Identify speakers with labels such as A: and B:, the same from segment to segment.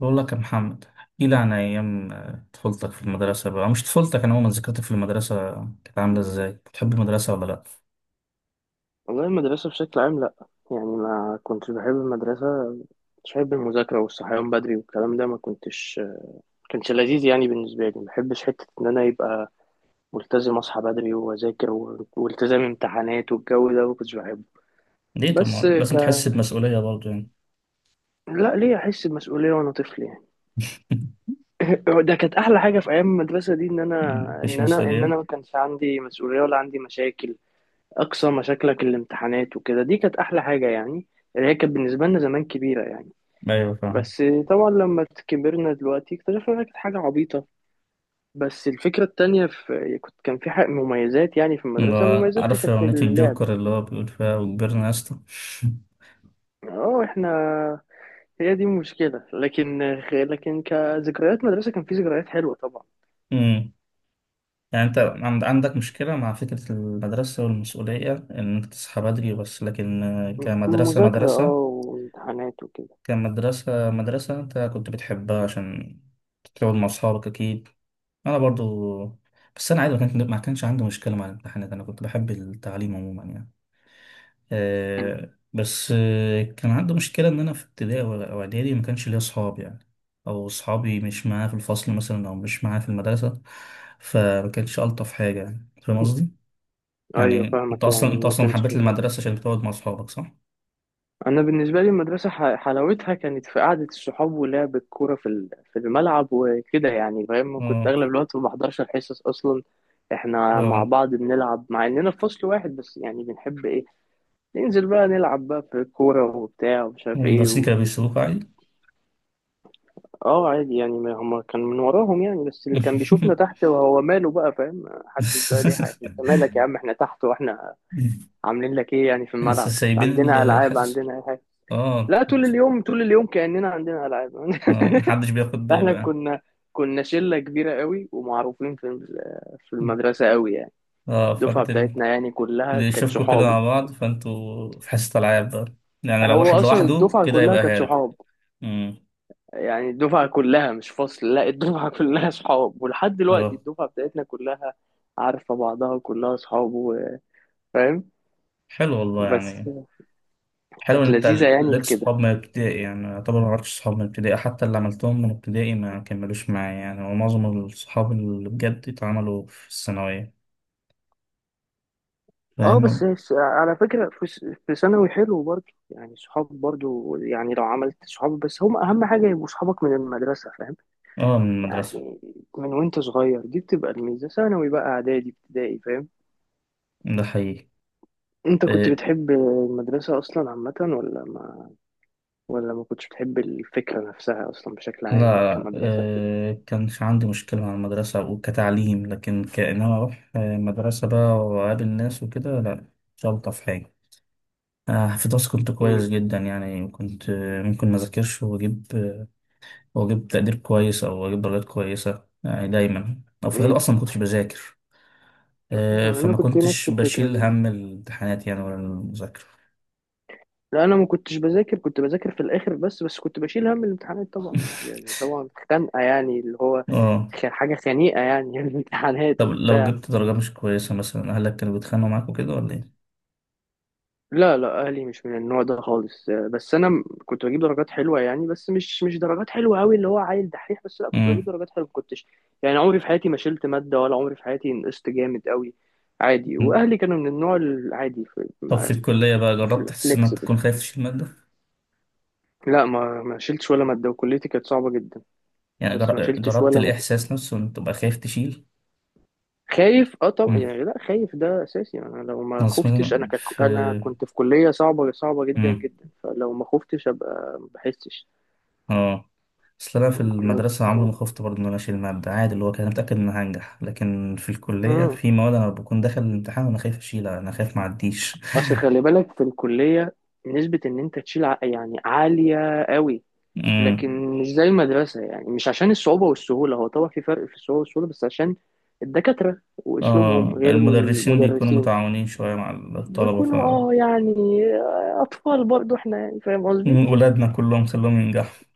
A: بقول لك يا محمد، احكي لي عن ايام طفولتك في المدرسه بقى، أو مش طفولتك، انا عموما ذكرتك في المدرسه كانت عامله ازاي؟ بتحب المدرسه ولا لا؟
B: والله المدرسة بشكل عام لأ، يعني ما كنتش بحب المدرسة. كنتش بحب المذاكرة والصحيان بدري والكلام ده، ما كنتش كانش لذيذ يعني بالنسبة لي. ما بحبش حتة إن أنا يبقى ملتزم أصحى بدري وأذاكر والتزام امتحانات والجو ده ما كنتش بحبه.
A: ليه؟ طبعا
B: بس
A: لازم
B: ك...
A: تحس بمسؤوليه برضه يعني.
B: لا، ليه أحس بمسؤولية وأنا طفل يعني؟ ده كانت أحلى حاجة في أيام المدرسة دي، إن أنا
A: مفيش
B: إن أنا إن أنا
A: مسؤوليه.
B: ما كانش عندي مسؤولية ولا عندي مشاكل. أقصى مشاكلك الامتحانات وكده، دي كانت أحلى حاجة يعني، اللي هي كانت بالنسبة لنا زمان كبيرة يعني.
A: ايوه فاهم.
B: بس طبعا لما كبرنا دلوقتي اكتشفنا انها كانت حاجة عبيطة. بس الفكرة التانية، في كنت كان في حق مميزات يعني، في
A: اللي
B: المدرسة
A: هو
B: مميزاتها
A: عارف
B: كانت في
A: اغنيه
B: اللعب.
A: الجوكر اللي هو بيقول فيها وكبرنا يا اسطى.
B: اه، هي دي المشكلة. لكن كذكريات مدرسة كان في ذكريات حلوة طبعا.
A: أمم. يعني انت عندك مشكله مع فكره المدرسه والمسؤوليه ان انت تصحى بدري بس، لكن كمدرسه
B: مذاكرة،
A: مدرسه،
B: وامتحانات وكده.
A: كمدرسه مدرسه انت كنت بتحبها عشان تقعد مع أصحابك، أكيد. انا برضو. بس انا عادي، ما كانش عندي مشكله مع الامتحانات، انا كنت بحب التعليم عموما يعني.
B: مم.
A: بس كان عندي مشكله ان انا في ابتدائي او اعدادي ما كانش ليا اصحاب يعني، او اصحابي مش معايا في الفصل مثلا، او مش معايا في المدرسه، فما كانش الطف حاجه يعني، فاهم قصدي؟
B: ايوه،
A: يعني انت
B: فاهمك
A: اصلا،
B: يعني ما كانش.
A: حبيت المدرسه عشان بتقعد مع اصحابك، صح؟
B: انا بالنسبه لي المدرسه، حلاوتها كانت في قعده الصحاب ولعب الكوره في الملعب وكده يعني فاهم. كنت
A: اه
B: اغلب الوقت ما بحضرش الحصص اصلا. احنا مع
A: اه.
B: بعض بنلعب، مع اننا في فصل واحد بس، يعني بنحب ايه ننزل بقى نلعب بقى في الكوره وبتاع ومش عارف ايه
A: والمدرسين كانوا بيسيبوك عادي؟
B: اه، عادي يعني، ما هم كان من وراهم يعني، بس اللي كان بيشوفنا تحت وهو ماله بقى فاهم؟ محدش بقى ليه حاجه، انت مالك يا عم، احنا تحت، واحنا عاملين لك ايه يعني؟ في
A: بس
B: الملعب
A: سايبين
B: عندنا، العاب
A: الحصص.
B: عندنا.
A: اه.
B: لا، طول اليوم طول اليوم كأننا عندنا ألعاب.
A: محدش بياخد باله
B: احنا
A: يعني.
B: كنا شلة كبيرة قوي ومعروفين في المدرسة قوي يعني.
A: اه،
B: الدفعة بتاعتنا يعني كلها
A: اللي
B: كانت
A: يشوفكوا كده مع
B: صحاب.
A: بعض فانتوا في حصة العاب بقى، يعني لو
B: هو
A: واحد
B: أصلا
A: لوحده
B: الدفعة
A: كده
B: كلها
A: يبقى
B: كانت
A: هارب.
B: صحاب
A: امم،
B: يعني. الدفعة كلها مش فصل، لا، الدفعة كلها صحاب. ولحد دلوقتي
A: اه.
B: الدفعة بتاعتنا كلها عارفة بعضها، كلها صحاب و... فاهم.
A: حلو والله
B: بس
A: يعني، حلو ان
B: كانت
A: انت
B: لذيذة يعني
A: ليك
B: في
A: صحاب
B: كده.
A: من ابتدائي. يعني يعتبر ما عرفتش صحاب من ابتدائي، حتى اللي عملتهم من ابتدائي ما كملوش معايا يعني، ومعظم الصحاب اللي بجد اتعملوا في الثانوية،
B: اه،
A: فاهم؟
B: على فكرة، في ثانوي حلو برضه يعني، صحاب برضه يعني. لو عملت صحاب، بس هم أهم حاجة يبقوا صحابك من المدرسة فاهم،
A: اه، من المدرسة.
B: يعني من وأنت صغير دي بتبقى الميزة، ثانوي بقى، إعدادي، ابتدائي، فاهم.
A: ده حقيقي.
B: أنت كنت
A: آه،
B: بتحب المدرسة أصلا عامة ولا ما كنتش بتحب الفكرة نفسها أصلا بشكل عام بقى
A: لا
B: كمدرسة كده؟
A: كانش عندي مشكلة مع المدرسة أو كتعليم، لكن كأنما أروح مدرسة بقى وأقابل ناس وكده، لا، مش ألطف حاجة. في دراسة كنت
B: امم.
A: كويس جدا يعني، كنت ممكن ما أذاكرش وأجيب وأجيب تقدير كويس أو أجيب درجات كويسة يعني، دايما أو في الغالب
B: امم.
A: أصلا ما كنتش بذاكر.
B: أنا
A: فما
B: كنت نفس
A: كنتش
B: الفكرة
A: بشيل
B: كده.
A: هم الامتحانات يعني ولا المذاكرة.
B: لا، انا ما كنتش بذاكر، كنت بذاكر في الاخر بس كنت بشيل هم الامتحانات طبعا يعني طبعا خنقه يعني، اللي هو
A: اه.
B: حاجه خنيقه يعني. الامتحانات
A: طب لو
B: وبتاع.
A: جبت درجة مش كويسة مثلا، أهلك كانوا بيتخانقوا معاك وكده ولا إيه؟
B: لا لا، اهلي مش من النوع ده خالص. بس انا كنت بجيب درجات حلوه يعني، بس مش درجات حلوه قوي اللي هو عيل دحيح، بس لا كنت بجيب درجات حلوه، ما كنتش يعني. عمري في حياتي ما شلت ماده، ولا عمري في حياتي نقصت جامد قوي، عادي.
A: مم.
B: واهلي كانوا من النوع العادي في
A: طب في الكلية بقى، جربت تحس إنك
B: فليكسبل.
A: تكون خايف تشيل مادة؟
B: لا، ما شلتش ولا ماده وكليتي كانت صعبه جدا.
A: يعني
B: بس ما شلتش
A: جربت
B: ولا ماده.
A: الإحساس نفسه إن تبقى خايف تشيل؟
B: خايف؟ اه طبعا
A: امم.
B: يعني، لا خايف ده اساسي. انا لو ما
A: أصل
B: خفتش،
A: مثلا في.
B: انا كنت في كليه صعبه، صعبه جدا
A: امم.
B: جدا، فلو ما خفتش ابقى ما بحسش
A: آه. أصل أنا في
B: الكليه.
A: المدرسة عمري ما خفت برضه إن أنا أشيل مادة، عادي، اللي هو كان متأكد إن أنا هنجح، لكن في الكلية
B: امم
A: في مواد أنا بكون داخل الامتحان وأنا خايف أشيلها، أنا خايف معديش.
B: اصل خلي بالك في الكليه، نسبه ان انت تشيل يعني عاليه قوي.
A: امم.
B: لكن مش زي المدرسه يعني، مش عشان الصعوبه والسهوله، هو طبعا في فرق في الصعوبه والسهوله، بس عشان الدكاتره واسلوبهم
A: آه،
B: غير
A: المدرسين بيكونوا
B: المدرسين.
A: متعاونين شوية مع الطلبة، ف.
B: بيكونوا اه يعني، اطفال برضو احنا يعني فاهم قصدي؟
A: ولادنا كلهم خلوهم ينجحوا.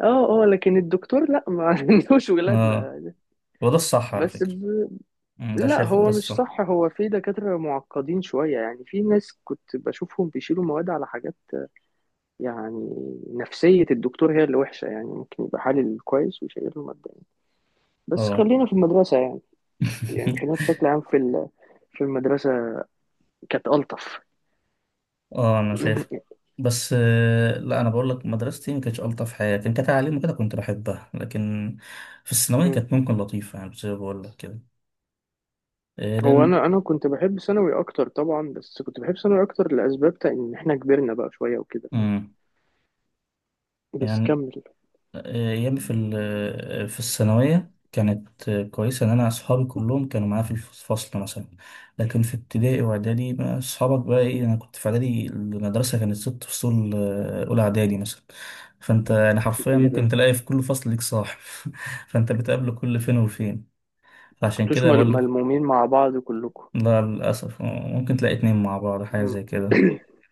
B: اه اه، لكن الدكتور لا ما عندوش
A: آه،
B: ولادنا.
A: وده الصح على
B: بس
A: فكرة.
B: ب...
A: أمم، ده
B: لا،
A: شايف ده
B: هو مش
A: الصح.
B: صح، هو في دكاترة معقدين شوية يعني، في ناس كنت بشوفهم بيشيلوا مواد على حاجات يعني. نفسية الدكتور هي اللي وحشة يعني، ممكن يبقى حالل كويس ويشيل له مادة يعني. بس
A: اه
B: خلينا في المدرسة يعني خلينا بشكل عام في المدرسة، كانت ألطف.
A: اه، انا شايف. بس لا انا بقول لك، مدرستي ما كانتش الطف حاجه، كان كتعليم وكده كنت بحبها، لكن في الثانويه كانت ممكن لطيفه يعني، زي ما بقول لك كده.
B: هو
A: لان.
B: انا كنت بحب ثانوي اكتر طبعا، بس كنت بحب ثانوي اكتر لاسباب تا ان احنا كبرنا بقى شويه وكده فاهم؟
A: مم.
B: بس
A: يعني
B: كمل.
A: أيام في الثانوية كانت كويسة، إن أنا أصحابي كلهم كانوا معايا في الفصل مثلا، لكن في ابتدائي وإعدادي ما أصحابك بقى إيه؟ أنا كنت في إعدادي المدرسة كانت ست فصول. أولى إعدادي مثلا، فأنت يعني حرفيا ممكن
B: كتير.
A: تلاقي في كل فصل ليك صاحب. فأنت بتقابله كل فين وفين، فعشان
B: انتوش
A: كده بقول لك.
B: ملمومين مع بعض كلكم؟
A: لا للأسف، ممكن تلاقي اتنين مع بعض حاجة
B: مم.
A: زي كده.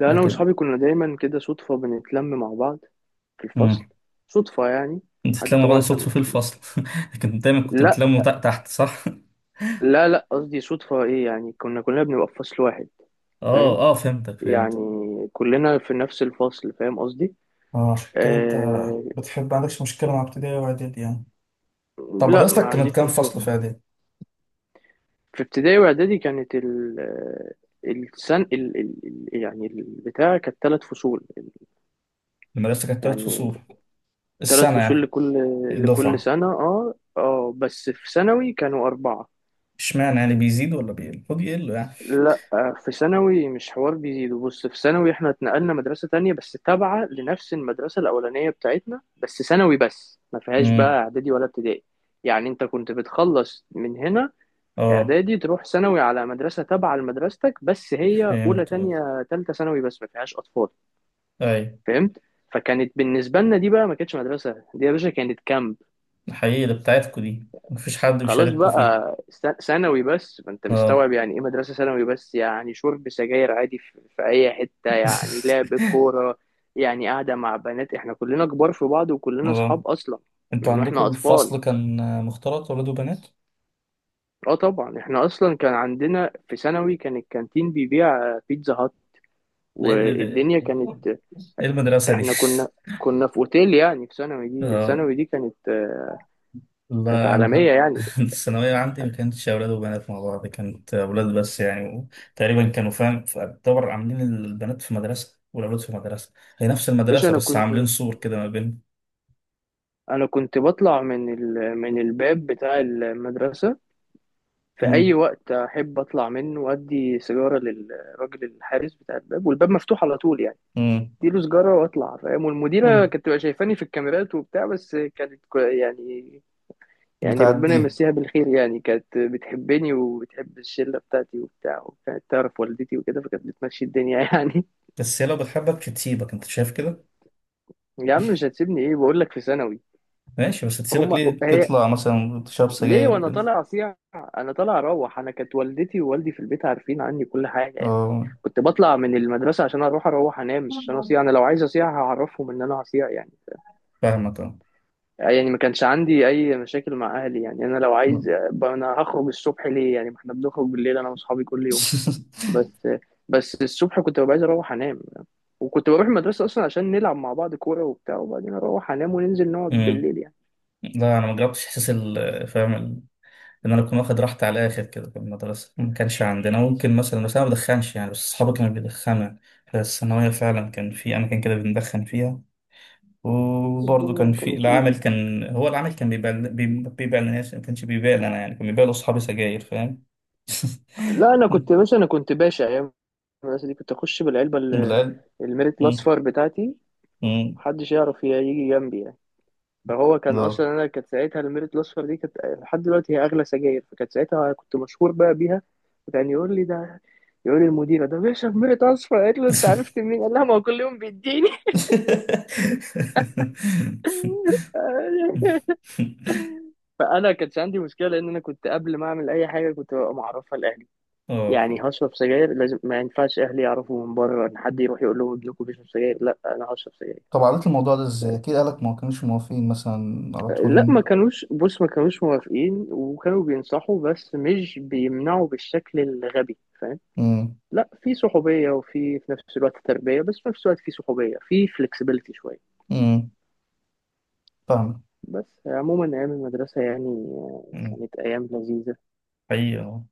B: لا انا
A: لكن.
B: واصحابي كنا دايما كده صدفه بنتلم مع بعض في الفصل،
A: مم.
B: صدفه يعني.
A: انت
B: حد
A: تتلموا بعض
B: طبعا احنا
A: صدفة في الفصل. لكن دايما كنت
B: لا
A: بتلموا تحت تحت، صح؟
B: لا لا، قصدي صدفه ايه، يعني كنا كلنا بنبقى في فصل واحد فاهم،
A: اه اه، فهمتك
B: يعني
A: فهمتك.
B: كلنا في نفس الفصل فاهم قصدي؟
A: اه عشان كده انت
B: آه...
A: بتحب، ما عندكش مشكلة مع ابتدائي واعدادي يعني. طب
B: لا، ما
A: مدرستك كانت
B: عنديش
A: كام
B: مشكله.
A: فصل في اعدادي؟
B: في ابتدائي واعدادي كانت ال السن ال... ال... ال... يعني البتاع كانت ثلاث فصول،
A: المدرسة كانت تلات
B: يعني
A: فصول
B: ثلاث
A: السنة
B: فصول
A: يعني.
B: لكل
A: الدفعة.
B: سنة. اه اه، بس في ثانوي كانوا أربعة.
A: اشمعنى يعني بيزيد ولا بيقل؟ المفروض يقل يعني.
B: لا، في ثانوي مش حوار بيزيدوا، بص، في ثانوي احنا اتنقلنا مدرسة تانية، بس تابعة لنفس المدرسة الأولانية بتاعتنا، بس ثانوي بس ما فيهاش
A: امم.
B: بقى إعدادي ولا ابتدائي. يعني انت كنت بتخلص من هنا
A: اه،
B: إعدادي، تروح ثانوي على مدرسة تابعة لمدرستك، بس هي أولى
A: فهمت. اه.
B: تانية تالتة ثانوي بس ما فيهاش أطفال،
A: اي.
B: فهمت؟ فكانت بالنسبة لنا دي بقى ما كانتش مدرسة دي يا باشا، كانت كامب.
A: الحقيقة اللي بتاعتكوا دي مفيش حد
B: خلاص
A: بيشارككوا فيها.
B: بقى، ثانوي بس، فانت
A: اه.
B: مستوعب يعني ايه مدرسة ثانوي بس؟ يعني شرب سجاير عادي في في اي حتة يعني، لعب كورة يعني، قاعدة مع بنات، احنا كلنا كبار في بعض وكلنا
A: اه،
B: اصحاب اصلا
A: انتوا
B: من واحنا
A: عندكوا
B: اطفال.
A: الفصل كان مختلط، ولاد وبنات؟
B: اه طبعا، احنا اصلا كان عندنا في ثانوي كان الكانتين بيبيع بيتزا هات،
A: ايه
B: والدنيا
A: إيه-
B: كانت.
A: إيه المدرسة دي؟
B: احنا كنا كنا في اوتيل يعني. في ثانوي دي ده
A: اه،
B: ثانوي دي كانت، كانت
A: لا
B: عالمية
A: انا.
B: يعني.
A: الثانوية عندي ما كانتش أولاد وبنات مع بعض، كانت أولاد بس يعني، تقريبا كانوا فاهم، يعتبر عاملين البنات في مدرسة والأولاد في مدرسة، هي نفس
B: باشا،
A: المدرسة
B: انا
A: بس
B: كنت
A: عاملين سور كده ما بين.
B: انا كنت بطلع من من الباب بتاع المدرسة في أي
A: امم.
B: وقت أحب أطلع منه، وأدي سيجارة للراجل الحارس بتاع الباب، والباب مفتوح على طول يعني.
A: امم.
B: أديله سيجارة وأطلع فاهم، والمديرة
A: امم.
B: كانت تبقى شايفاني في الكاميرات وبتاع، بس كانت يعني ربنا
A: بتعديها.
B: يمسيها بالخير يعني، كانت بتحبني وبتحب الشلة بتاعتي وبتاع، وكانت تعرف والدتي وكده، فكانت بتمشي الدنيا يعني.
A: بس هي لو بتحبك تسيبك، أنت شايف كده.
B: يا عم، مش هتسيبني إيه، بقول لك في ثانوي.
A: ماشي، بس تسيبك
B: هما
A: ليه
B: هي
A: تطلع مثلا تشرب
B: ليه
A: سجاير
B: وانا
A: وكده؟
B: طالع اصيع، انا طالع اروح. انا كانت والدتي ووالدي في البيت عارفين عني كل حاجه يعني.
A: اه،
B: كنت بطلع من المدرسه عشان اروح انام، مش عشان اصيع، انا لو عايز اصيع هعرفهم ان انا هصيع يعني.
A: فاهمك أه.
B: يعني ما كانش عندي اي مشاكل مع اهلي يعني. انا لو عايز
A: مم.
B: انا هخرج الصبح ليه يعني، ما احنا بنخرج بالليل انا واصحابي كل يوم. بس بس الصبح كنت ببقى عايز اروح انام. وكنت بروح المدرسه اصلا عشان نلعب مع بعض كوره وبتاع، وبعدين اروح انام وننزل نقعد
A: أمم.
B: بالليل يعني.
A: لا أنا ما جربتش إحساس فاهم، ان انا اكون واخد راحتي على الاخر كده في المدرسه، ما كانش عندنا، ممكن مثلا بس انا ما بدخنش يعني، بس اصحابي كانوا بيدخنوا يعني. بس الثانويه فعلا كان في اماكن كده بندخن فيها. وبرضه كان
B: الدنيا
A: في
B: كانت ايزي.
A: العامل، كان هو العامل كان بيبيع بيبيع للناس، ما كانش بيبيع لنا يعني، كان بيبيع لاصحابي سجاير، فاهم.
B: لا انا كنت باشا، انا كنت باشا ايام. بس دي كنت اخش بالعلبه
A: بالعلم.
B: الميريت
A: مم.
B: الاصفر بتاعتي،
A: مم.
B: محدش يعرف يجي جنبي يعني. فهو كان اصلا،
A: ده.
B: انا كانت ساعتها الميريت الاصفر دي كانت لحد دلوقتي هي اغلى سجاير، فكانت ساعتها كنت مشهور بقى بيها. وكان يقول لي ده، يقول لي المديره ده بيشرب ميريت اصفر، قالت له: انت عرفت منين؟ قال لها: ما هو كل يوم بيديني. فانا كانت عندي مشكله، لان انا كنت قبل ما اعمل اي حاجه كنت ببقى معرفها لاهلي.
A: اه،
B: يعني
A: فاهم.
B: هشرب سجاير، لازم ما ينفعش اهلي يعرفوا من بره، ان حد يروح يقول لهم ابنكم بيشرب سجاير، لا انا هشرب سجاير.
A: طب عملت الموضوع ده ازاي؟ اكيد اهلك ما كانوش موافقين مثلا على طول.
B: لا، ما كانوش بص، ما كانوش موافقين وكانوا بينصحوا بس مش بيمنعوا بالشكل الغبي فاهم.
A: امم.
B: لا، في صحوبية، في نفس الوقت تربية، بس في نفس الوقت في صحوبية، في فلكسبيليتي شوية.
A: امم. فاهمك.
B: بس عموما أيام المدرسة يعني،
A: امم.
B: كانت أيام لذيذة.
A: حقيقي.